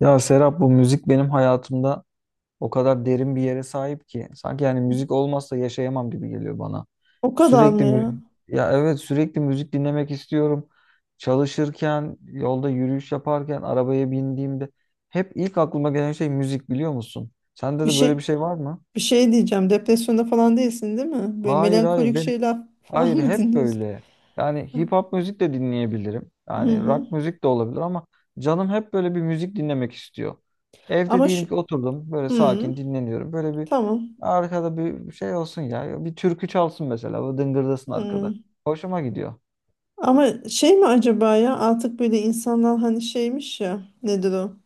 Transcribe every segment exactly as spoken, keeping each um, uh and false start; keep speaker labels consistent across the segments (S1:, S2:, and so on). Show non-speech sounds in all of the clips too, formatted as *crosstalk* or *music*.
S1: Ya Serap, bu müzik benim hayatımda o kadar derin bir yere sahip ki sanki, yani, müzik olmazsa yaşayamam gibi geliyor bana.
S2: O kadar mı
S1: Sürekli
S2: ya?
S1: müzik, ya evet, sürekli müzik dinlemek istiyorum. Çalışırken, yolda yürüyüş yaparken, arabaya bindiğimde hep ilk aklıma gelen şey müzik, biliyor musun? Sende
S2: Bir
S1: de böyle
S2: şey
S1: bir şey var mı?
S2: bir şey diyeceğim. Depresyonda falan değilsin, değil mi? Böyle
S1: Hayır, hayır,
S2: melankolik
S1: ben
S2: şeyler *laughs* falan
S1: Hayır
S2: mı
S1: hep
S2: dinliyorsun?
S1: böyle. Yani hip hop müzik de dinleyebilirim.
S2: Hı
S1: Yani
S2: hı.
S1: rock müzik de olabilir ama canım hep böyle bir müzik dinlemek istiyor. Evde
S2: Ama şu
S1: diyelim ki oturdum, böyle
S2: Hı,
S1: sakin dinleniyorum. Böyle bir
S2: tamam.
S1: Arkada bir şey olsun ya. Bir türkü çalsın mesela. Böyle dıngırdasın arkada.
S2: Hı.
S1: Hoşuma gidiyor.
S2: Ama şey mi acaba ya? Artık böyle insanlar hani şeymiş ya. Nedir o?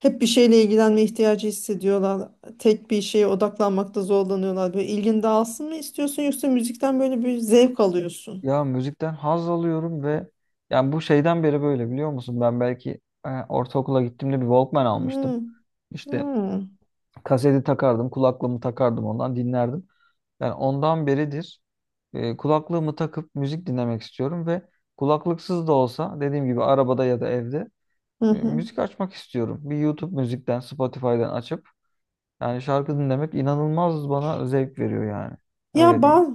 S2: Hep bir şeyle ilgilenme ihtiyacı hissediyorlar. Tek bir şeye odaklanmakta zorlanıyorlar. Böyle ilgin dağılsın mı istiyorsun yoksa müzikten böyle bir zevk alıyorsun?
S1: Ya, müzikten haz alıyorum ve yani bu şeyden beri böyle, biliyor musun? Ben belki e, ortaokula gittiğimde bir Walkman
S2: Hı
S1: almıştım.
S2: hı.
S1: İşte kaseti takardım, kulaklığımı takardım, ondan dinlerdim. Yani ondan beridir e, kulaklığımı takıp müzik dinlemek istiyorum ve kulaklıksız da olsa, dediğim gibi, arabada ya da evde
S2: Hı
S1: e,
S2: hı.
S1: müzik açmak istiyorum. Bir YouTube müzikten, Spotify'dan açıp yani şarkı dinlemek inanılmaz bana zevk veriyor yani.
S2: Ya
S1: Öyle diyeyim.
S2: ba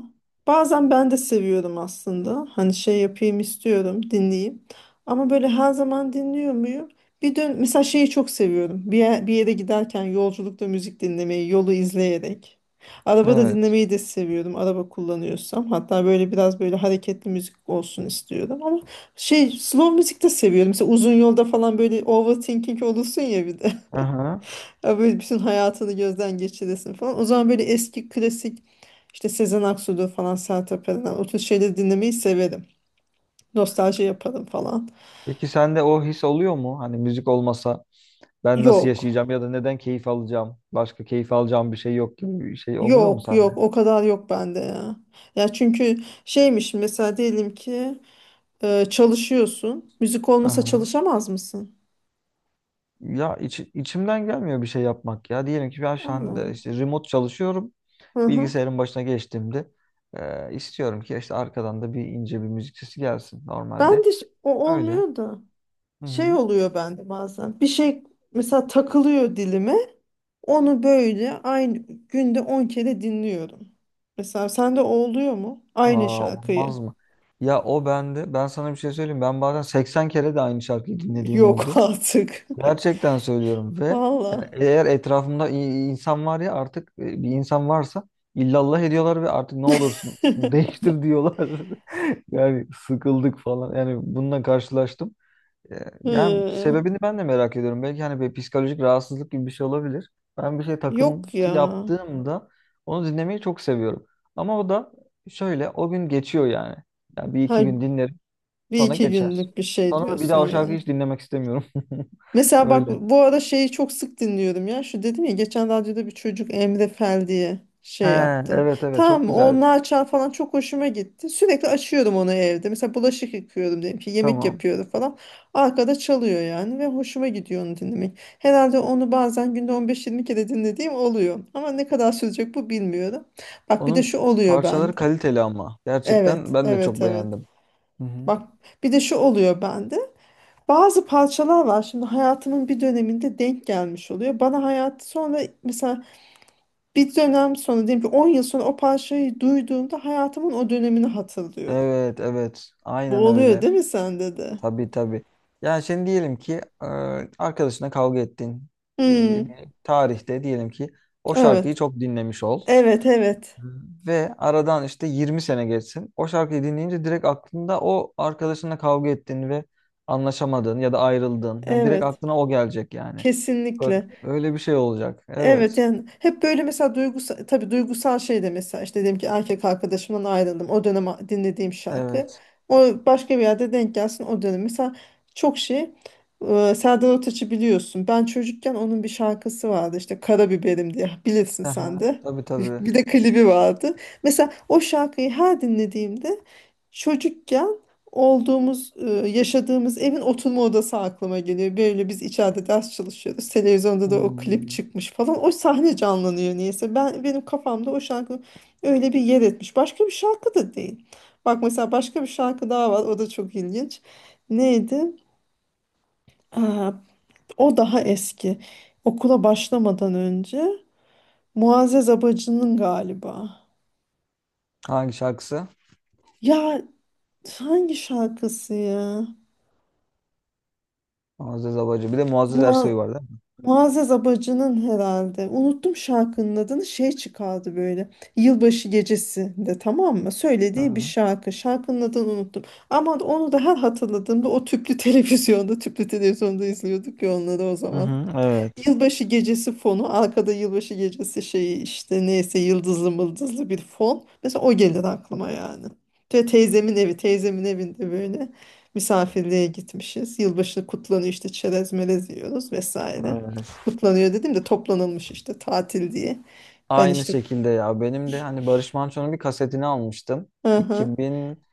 S2: bazen ben de seviyorum aslında. Hani şey yapayım istiyorum, dinleyeyim. Ama böyle her zaman dinliyor muyum? Bir dön Mesela şeyi çok seviyorum. Bir yer- bir yere giderken yolculukta müzik dinlemeyi, yolu izleyerek. Arabada
S1: Evet.
S2: dinlemeyi de seviyorum. Araba kullanıyorsam. Hatta böyle biraz böyle hareketli müzik olsun istiyorum. Ama şey slow müzik de seviyorum. Mesela uzun yolda falan böyle overthinking olursun ya bir de.
S1: Aha.
S2: Ya böyle bütün hayatını gözden geçiresin falan. O zaman böyle eski klasik işte Sezen Aksu'dur falan Sertab Erener o tür şeyleri dinlemeyi severim. Nostalji yaparım falan.
S1: Peki sende o his oluyor mu? Hani müzik olmasa ben nasıl
S2: Yok.
S1: yaşayacağım ya da neden keyif alacağım? Başka keyif alacağım bir şey yok gibi bir şey oluyor mu
S2: Yok,
S1: sende?
S2: yok, o kadar yok bende ya. Ya çünkü şeymiş mesela diyelim ki e, çalışıyorsun. Müzik olmasa
S1: Aha.
S2: çalışamaz mısın?
S1: Ya, içi- içimden gelmiyor bir şey yapmak ya. Diyelim ki ben şu
S2: Allah Allah.
S1: anda işte remote çalışıyorum.
S2: Hı hı.
S1: Bilgisayarın başına geçtiğimde e, istiyorum ki işte arkadan da bir ince bir müzik sesi gelsin
S2: Ben
S1: normalde.
S2: de ş- o
S1: Öyle.
S2: olmuyor da
S1: Hı
S2: şey
S1: hı.
S2: oluyor bende bazen. Bir şey mesela takılıyor dilime. Onu böyle aynı günde on kere dinliyorum. Mesela sende oluyor mu? Aynı
S1: Aa, olmaz
S2: şarkıyı.
S1: mı? Ya, o bende. Ben sana bir şey söyleyeyim. Ben bazen seksen kere de aynı şarkıyı dinlediğim
S2: Yok
S1: oldu.
S2: *laughs* artık.
S1: Gerçekten söylüyorum ve yani
S2: Valla.
S1: eğer etrafımda i- insan var ya, artık e, bir insan varsa illallah ediyorlar ve artık ne
S2: *laughs*
S1: olursun *laughs* değiştir diyorlar. *laughs* Yani sıkıldık falan. Yani bununla karşılaştım. E, Yani
S2: Hı,
S1: sebebini ben de merak ediyorum. Belki hani bir psikolojik rahatsızlık gibi bir şey olabilir. Ben bir şey
S2: yok ya.
S1: takıntı yaptığımda onu dinlemeyi çok seviyorum. Ama o da şöyle, o gün geçiyor yani. Yani bir
S2: Ha,
S1: iki gün dinlerim,
S2: bir
S1: sonra
S2: iki
S1: geçer.
S2: günlük bir şey
S1: Sonra da bir
S2: diyorsun
S1: daha o
S2: yani.
S1: şarkıyı hiç dinlemek istemiyorum. *laughs*
S2: Mesela bak
S1: Öyle.
S2: bu ara şeyi çok sık dinliyorum ya. Şu dedim ya geçen radyoda bir çocuk Emre Fel diye
S1: He,
S2: şey yaptı.
S1: evet, evet, çok
S2: Tamam,
S1: güzel.
S2: o Naçal falan çok hoşuma gitti. Sürekli açıyorum onu evde. Mesela bulaşık yıkıyorum diyelim ki yemek
S1: Tamam.
S2: yapıyorum falan. Arkada çalıyor yani ve hoşuma gidiyor onu dinlemek. Herhalde onu bazen günde on beş yirmi kere dinlediğim oluyor. Ama ne kadar sürecek bu bilmiyorum. Bak bir de
S1: Onun
S2: şu oluyor
S1: parçaları
S2: bende.
S1: kaliteli ama. Gerçekten
S2: Evet,
S1: ben de
S2: evet,
S1: çok
S2: evet.
S1: beğendim. Hı hı.
S2: Bak bir de şu oluyor bende. Bazı parçalar var şimdi hayatımın bir döneminde denk gelmiş oluyor. Bana hayat sonra mesela bir dönem sonra diyelim ki on yıl sonra o parçayı duyduğumda hayatımın o dönemini hatırlıyorum.
S1: Evet, evet.
S2: Bu
S1: Aynen
S2: oluyor
S1: öyle.
S2: değil mi sende de?
S1: Tabii, tabii. Yani şimdi diyelim ki e, arkadaşına kavga ettin. E, bir
S2: Hmm,
S1: tarihte diyelim ki o şarkıyı
S2: evet.
S1: çok dinlemiş ol.
S2: Evet, evet.
S1: Hı. Ve aradan işte yirmi sene geçsin. O şarkıyı dinleyince direkt aklında o arkadaşına kavga ettin ve anlaşamadın ya da ayrıldın. Yani direkt
S2: Evet.
S1: aklına o gelecek yani. Öyle,
S2: Kesinlikle.
S1: öyle bir şey olacak.
S2: Evet
S1: Evet.
S2: yani hep böyle mesela duygusal tabii duygusal şey de mesela işte dedim ki erkek arkadaşımdan ayrıldım o dönem dinlediğim şarkı
S1: Evet.
S2: o başka bir yerde denk gelsin o dönem mesela çok şey, e, Serdar Ortaç'ı biliyorsun ben çocukken onun bir şarkısı vardı işte Karabiberim diye, bilirsin
S1: Aha,
S2: sen de.
S1: tabii, tabii.
S2: Bir de klibi vardı, mesela o şarkıyı her dinlediğimde çocukken olduğumuz, e, yaşadığımız evin oturma odası aklıma geliyor. Böyle biz içeride ders çalışıyoruz. Televizyonda da o klip
S1: Hmm.
S2: çıkmış falan. O sahne canlanıyor niyeyse. Ben benim kafamda o şarkı öyle bir yer etmiş. Başka bir şarkı da değil. Bak mesela başka bir şarkı daha var. O da çok ilginç. Neydi? Aa, o daha eski. Okula başlamadan önce Muazzez Abacı'nın galiba.
S1: Hangi şarkısı?
S2: Ya hangi şarkısı ya?
S1: Muazzez Abacı. Bir de Muazzez Ersoy var değil mi?
S2: Muazzez Abacı'nın herhalde. Unuttum şarkının adını. Şey çıkardı böyle. Yılbaşı gecesinde, tamam mı?
S1: Hı
S2: Söylediği bir
S1: hı.
S2: şarkı. Şarkının adını unuttum. Ama onu da her hatırladığımda o tüplü *laughs* televizyonda, tüplü televizyonda izliyorduk ya onları o
S1: Hı
S2: zaman.
S1: hı. Evet.
S2: Yılbaşı gecesi fonu arkada, yılbaşı gecesi şeyi işte, neyse, yıldızlı mıldızlı bir fon. Mesela o gelir aklıma yani. Ve teyzemin evi teyzemin evinde böyle misafirliğe gitmişiz. Yılbaşı kutlanıyor işte, çerez melez yiyoruz vesaire.
S1: Evet.
S2: Kutlanıyor dedim de, toplanılmış işte tatil diye. Ben
S1: Aynı
S2: işte
S1: şekilde ya. Benim de hani Barış Manço'nun bir kasetini almıştım.
S2: Hı hı,
S1: iki bin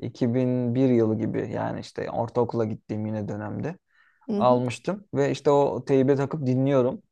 S1: iki bin bir yılı gibi, yani işte ortaokula gittiğim yine dönemde
S2: hı hı.
S1: almıştım ve işte o teybe takıp dinliyorum.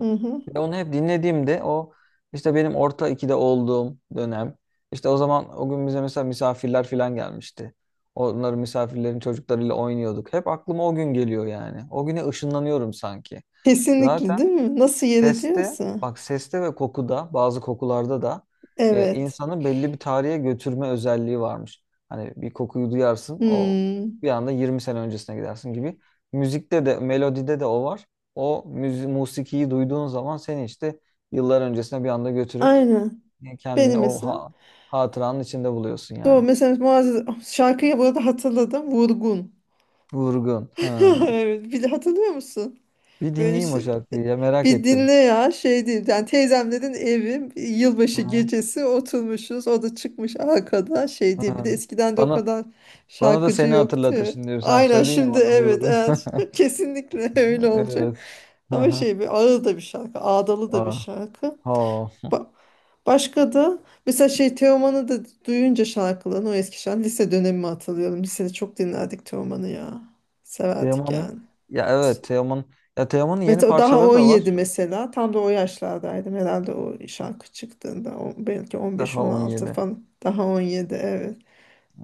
S2: Hı hı.
S1: Ve onu hep dinlediğimde o, işte benim orta ikide olduğum dönem, işte o zaman o gün bize mesela misafirler falan gelmişti. Onların misafirlerin çocuklarıyla oynuyorduk. Hep aklıma o gün geliyor yani. O güne ışınlanıyorum sanki.
S2: Kesinlikle
S1: Zaten
S2: değil mi? Nasıl yer
S1: seste,
S2: ediyorsa.
S1: bak seste ve kokuda, bazı kokularda da e,
S2: Evet.
S1: insanı belli bir tarihe götürme özelliği varmış. Hani bir kokuyu duyarsın, o
S2: Hmm.
S1: bir anda yirmi sene öncesine gidersin gibi. Müzikte de, melodide de o var. O müzi musikiyi duyduğun zaman seni işte yıllar öncesine bir anda götürüp
S2: Aynen. Benim
S1: kendini o
S2: mesela.
S1: ha- hatıranın içinde buluyorsun
S2: Doğru.
S1: yani.
S2: Mesela Muazzez şarkıyı bu arada hatırladım. Vurgun.
S1: Vurgun.
S2: *laughs*
S1: Ha.
S2: Evet. Bir de hatırlıyor musun?
S1: Bir
S2: Böyle
S1: dinleyeyim o
S2: şey.
S1: şarkıyı ya, merak
S2: Bir
S1: ettim.
S2: dinle ya, şey değil. Yani teyzemlerin evi,
S1: Hı
S2: yılbaşı
S1: hı.
S2: gecesi oturmuşuz. O da çıkmış arkada şey diye. Bir
S1: Hı.
S2: de eskiden de o
S1: Bana
S2: kadar
S1: bana da
S2: şarkıcı
S1: seni
S2: yoktu
S1: hatırlatır
S2: ya.
S1: şimdi. Sen
S2: Aynen
S1: söyleyin ya
S2: şimdi,
S1: bana,
S2: evet,
S1: vurgun.
S2: evet.
S1: *laughs*
S2: *laughs* Kesinlikle öyle olacak.
S1: Evet.
S2: Ama
S1: Aha.
S2: şey, bir ağır da bir şarkı. Ağdalı da bir
S1: Aa,
S2: şarkı.
S1: ha.
S2: Ba- Başka da mesela şey Teoman'ı da duyunca şarkılarını, o eski şarkı lise dönemimi hatırlıyorum. Lisede çok dinlerdik Teoman'ı ya. Severdik
S1: Teoman'ın,
S2: yani.
S1: ya evet, Teoman, ya Teoman'ın yeni
S2: Mesela daha
S1: parçaları da var.
S2: on yedi, mesela tam da o yaşlardaydım herhalde o şarkı çıktığında. O- belki
S1: Daha
S2: on beş on altı
S1: on yedi.
S2: falan, daha on yedi, evet.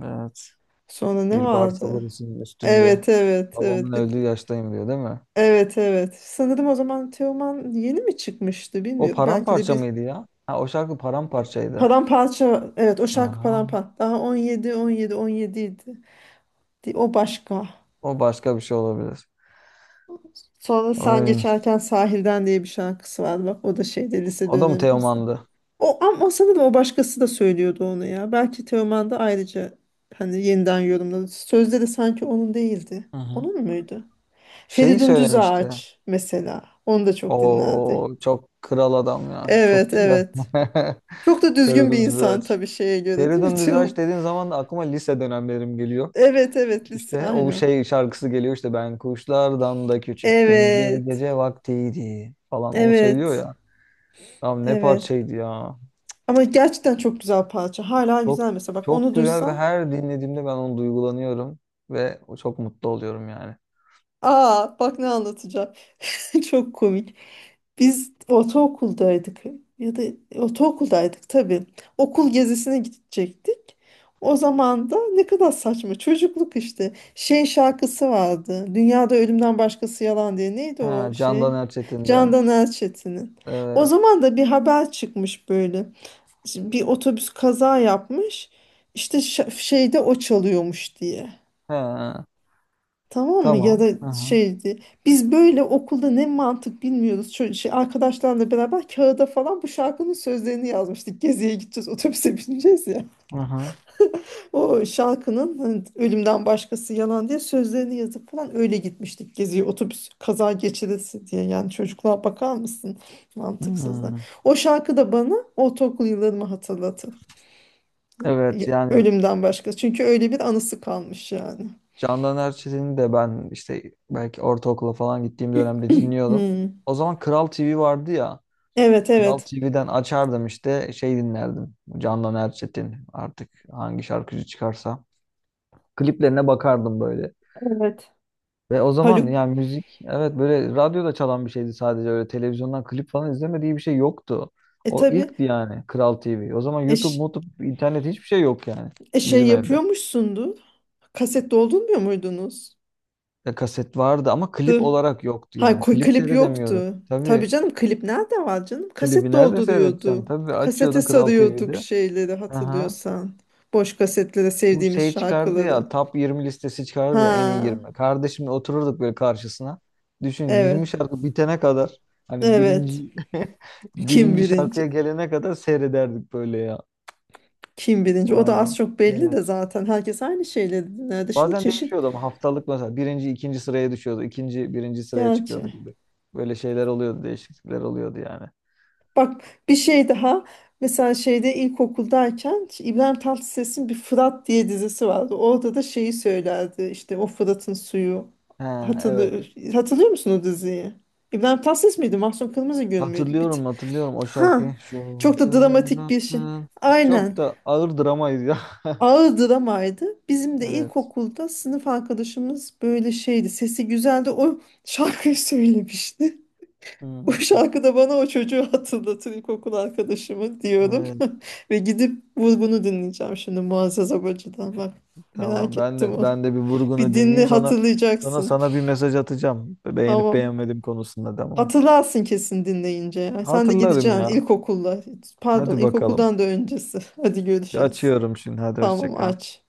S1: Evet.
S2: Sonra ne
S1: Bir bar sabır
S2: vardı?
S1: için üstünde.
S2: Evet, evet,
S1: Babamın
S2: evet. Bir-
S1: öldüğü yaştayım, diyor değil mi?
S2: evet, evet, sanırım o zaman Teoman yeni mi çıkmıştı
S1: O
S2: bilmiyorum, belki de
S1: paramparça
S2: bir.
S1: mıydı ya? Ha, o şarkı paramparçaydı.
S2: Paramparça. Evet, o şarkı
S1: Aha.
S2: paramparça. Daha on yedi, on yedi, on yedi idi. Di- O başka.
S1: O başka bir şey olabilir.
S2: Sonra Sen
S1: Ay.
S2: Geçerken Sahilden diye bir şarkısı var. Bak o da şeyde, lise
S1: O da mı
S2: dönemimizde.
S1: Teoman'dı?
S2: O, ama sanırım o başkası da söylüyordu onu ya. Belki Teoman da ayrıca hani yeniden yorumladı. Sözleri sanki onun değildi.
S1: Hı hı.
S2: Onun muydu?
S1: Şeyi
S2: Feridun
S1: söylemişti.
S2: Düzağaç mesela. Onu da çok dinlerdi.
S1: O çok kral adam ya. Çok
S2: Evet,
S1: güzel.
S2: evet.
S1: *laughs*
S2: Çok da düzgün bir
S1: Feridun
S2: insan
S1: Düzağaç.
S2: tabii, şeye göre, değil mi
S1: Feridun Düztaş
S2: Teoman?
S1: dediğin zaman da aklıma lise dönemlerim geliyor.
S2: Evet, evet, lise,
S1: İşte o
S2: aynen.
S1: şey şarkısı geliyor, işte ben kuşlardan da küçüktüm, bir
S2: Evet.
S1: gece vaktiydi falan, onu söylüyor
S2: Evet.
S1: ya. Abi, ne
S2: Evet.
S1: parçaydı ya.
S2: Ama gerçekten çok güzel parça. Hala
S1: Çok,
S2: güzel mesela. Bak
S1: çok
S2: onu
S1: güzel ve
S2: duysam.
S1: her dinlediğimde ben onu duygulanıyorum ve çok mutlu oluyorum yani.
S2: Aa bak ne anlatacağım. *laughs* Çok komik. Biz ortaokuldaydık. Ya da ortaokuldaydık tabii. Okul gezisine gidecektik. O zaman da ne kadar saçma. Çocukluk işte. Şey şarkısı vardı. Dünyada ölümden başkası yalan diye. Neydi
S1: Ha,
S2: o şey?
S1: Candan Erçetin'den.
S2: Candan Erçetin'in. O
S1: Evet.
S2: zaman da bir haber çıkmış böyle. Şimdi bir otobüs kaza yapmış. İşte şa- şeyde o çalıyormuş diye.
S1: Ha,
S2: Tamam mı? Ya
S1: tamam.
S2: da
S1: Aha,
S2: şeydi. Biz böyle okulda, ne mantık bilmiyoruz. Ço- şey, arkadaşlarla beraber kağıda falan bu şarkının sözlerini yazmıştık. Geziye gideceğiz, otobüse bineceğiz ya.
S1: aha.
S2: O şarkının hani, ölümden başkası yalan diye sözlerini yazıp falan öyle gitmiştik geziye. Otobüs kaza geçirisi diye. Yani çocukluğa bakar mısın? Mantıksızlar.
S1: Hmm.
S2: O şarkı da bana ortaokul yıllarımı hatırlatır.
S1: Evet
S2: Ya-
S1: yani
S2: Ölümden başka. Çünkü öyle bir anısı kalmış yani.
S1: Candan Erçetin'i de ben işte belki ortaokula falan gittiğim dönemde dinliyordum.
S2: Hmm.
S1: O zaman Kral T V vardı ya.
S2: Evet,
S1: Kral
S2: evet.
S1: T V'den açardım, işte şey dinlerdim. Candan Erçetin, artık hangi şarkıcı çıkarsa. Kliplerine bakardım böyle.
S2: Evet.
S1: Ve o zaman
S2: Haluk
S1: yani müzik evet böyle radyoda çalan bir şeydi sadece, öyle televizyondan klip falan izlemediği bir şey yoktu.
S2: e
S1: O
S2: tabii
S1: ilkti yani, Kral T V. O zaman YouTube,
S2: eş,
S1: YouTube, internet, hiçbir şey yok yani
S2: e, şey
S1: bizim evde.
S2: yapıyormuşsundu. Kaset doldurmuyor muydunuz?
S1: Ya, kaset vardı ama klip
S2: Dur.
S1: olarak yoktu
S2: Ha,
S1: yani.
S2: koy
S1: Klip
S2: klip
S1: seyredemiyorduk.
S2: yoktu. Tabii
S1: Tabii.
S2: canım, klip nerede var canım? Kaset
S1: Klibi nerede seyredeceksin?
S2: dolduruyordu.
S1: Tabii,
S2: Kasete
S1: açıyordun Kral T
S2: sarıyorduk
S1: V'de.
S2: şeyleri,
S1: Aha.
S2: hatırlıyorsan. Boş kasetlere
S1: Bu
S2: sevdiğimiz
S1: şey çıkardı
S2: şarkıları.
S1: ya, top yirmi listesi çıkardı ya, en iyi
S2: Ha,
S1: yirmi. Kardeşimle otururduk böyle karşısına. Düşün,
S2: evet.
S1: yirmi şarkı bitene kadar, hani birinci,
S2: Evet.
S1: *laughs*
S2: Kim
S1: birinci
S2: birinci?
S1: şarkıya gelene kadar seyrederdik böyle ya.
S2: Kim birinci? O
S1: Vay
S2: da
S1: be.
S2: az çok belli de
S1: Evet.
S2: zaten. Herkes aynı şeyleri dinlerdi. Şimdi
S1: Bazen
S2: çeşit,
S1: değişiyordu ama haftalık mesela birinci, ikinci sıraya düşüyordu, ikinci birinci sıraya çıkıyordu
S2: gerçi.
S1: gibi. Böyle şeyler oluyordu, değişiklikler oluyordu yani.
S2: Bak bir şey daha. Mesela şeyde ilkokuldayken İbrahim Tatlıses'in bir Fırat diye dizisi vardı. Orada da şeyi söylerdi. İşte o Fırat'ın suyu.
S1: Ha, evet.
S2: Hatırlıyor, hatırlıyor musun o diziyi? İbrahim Tatlıses miydi? Mahsun Kırmızıgül müydü? Bir... t-
S1: Hatırlıyorum, hatırlıyorum o
S2: Ha.
S1: şarkıyı.
S2: Çok da
S1: Şoför
S2: dramatik bir şey.
S1: atın. Çok
S2: Aynen.
S1: da ağır dramaydı ya. *laughs*
S2: Ağır dramaydı. Bizim de
S1: Evet.
S2: ilkokulda sınıf arkadaşımız böyle şeydi. Sesi güzeldi. O şarkıyı söylemişti. *laughs* O
S1: Hmm.
S2: şarkı da bana o çocuğu hatırlatır, ilkokul arkadaşımı diyorum.
S1: Evet.
S2: *laughs* Ve gidip vur bunu dinleyeceğim şimdi Muazzez Abacı'dan, bak.
S1: Tamam,
S2: Merak
S1: ben
S2: ettim
S1: de
S2: onu.
S1: ben de bir
S2: *laughs* Bir
S1: vurgunu
S2: dinle,
S1: dinleyeyim, sonra sonra
S2: hatırlayacaksın.
S1: sana bir mesaj atacağım. Beğenip
S2: Tamam.
S1: beğenmedim konusunda, tamam.
S2: Hatırlarsın kesin dinleyince ya. Sen de
S1: Hatırlarım
S2: gideceksin
S1: ya.
S2: ilkokulla. Pardon,
S1: Hadi bakalım.
S2: ilkokuldan da öncesi. *laughs* Hadi görüşürüz.
S1: Açıyorum şimdi. Hadi, hoşça
S2: Tamam,
S1: kal.
S2: aç.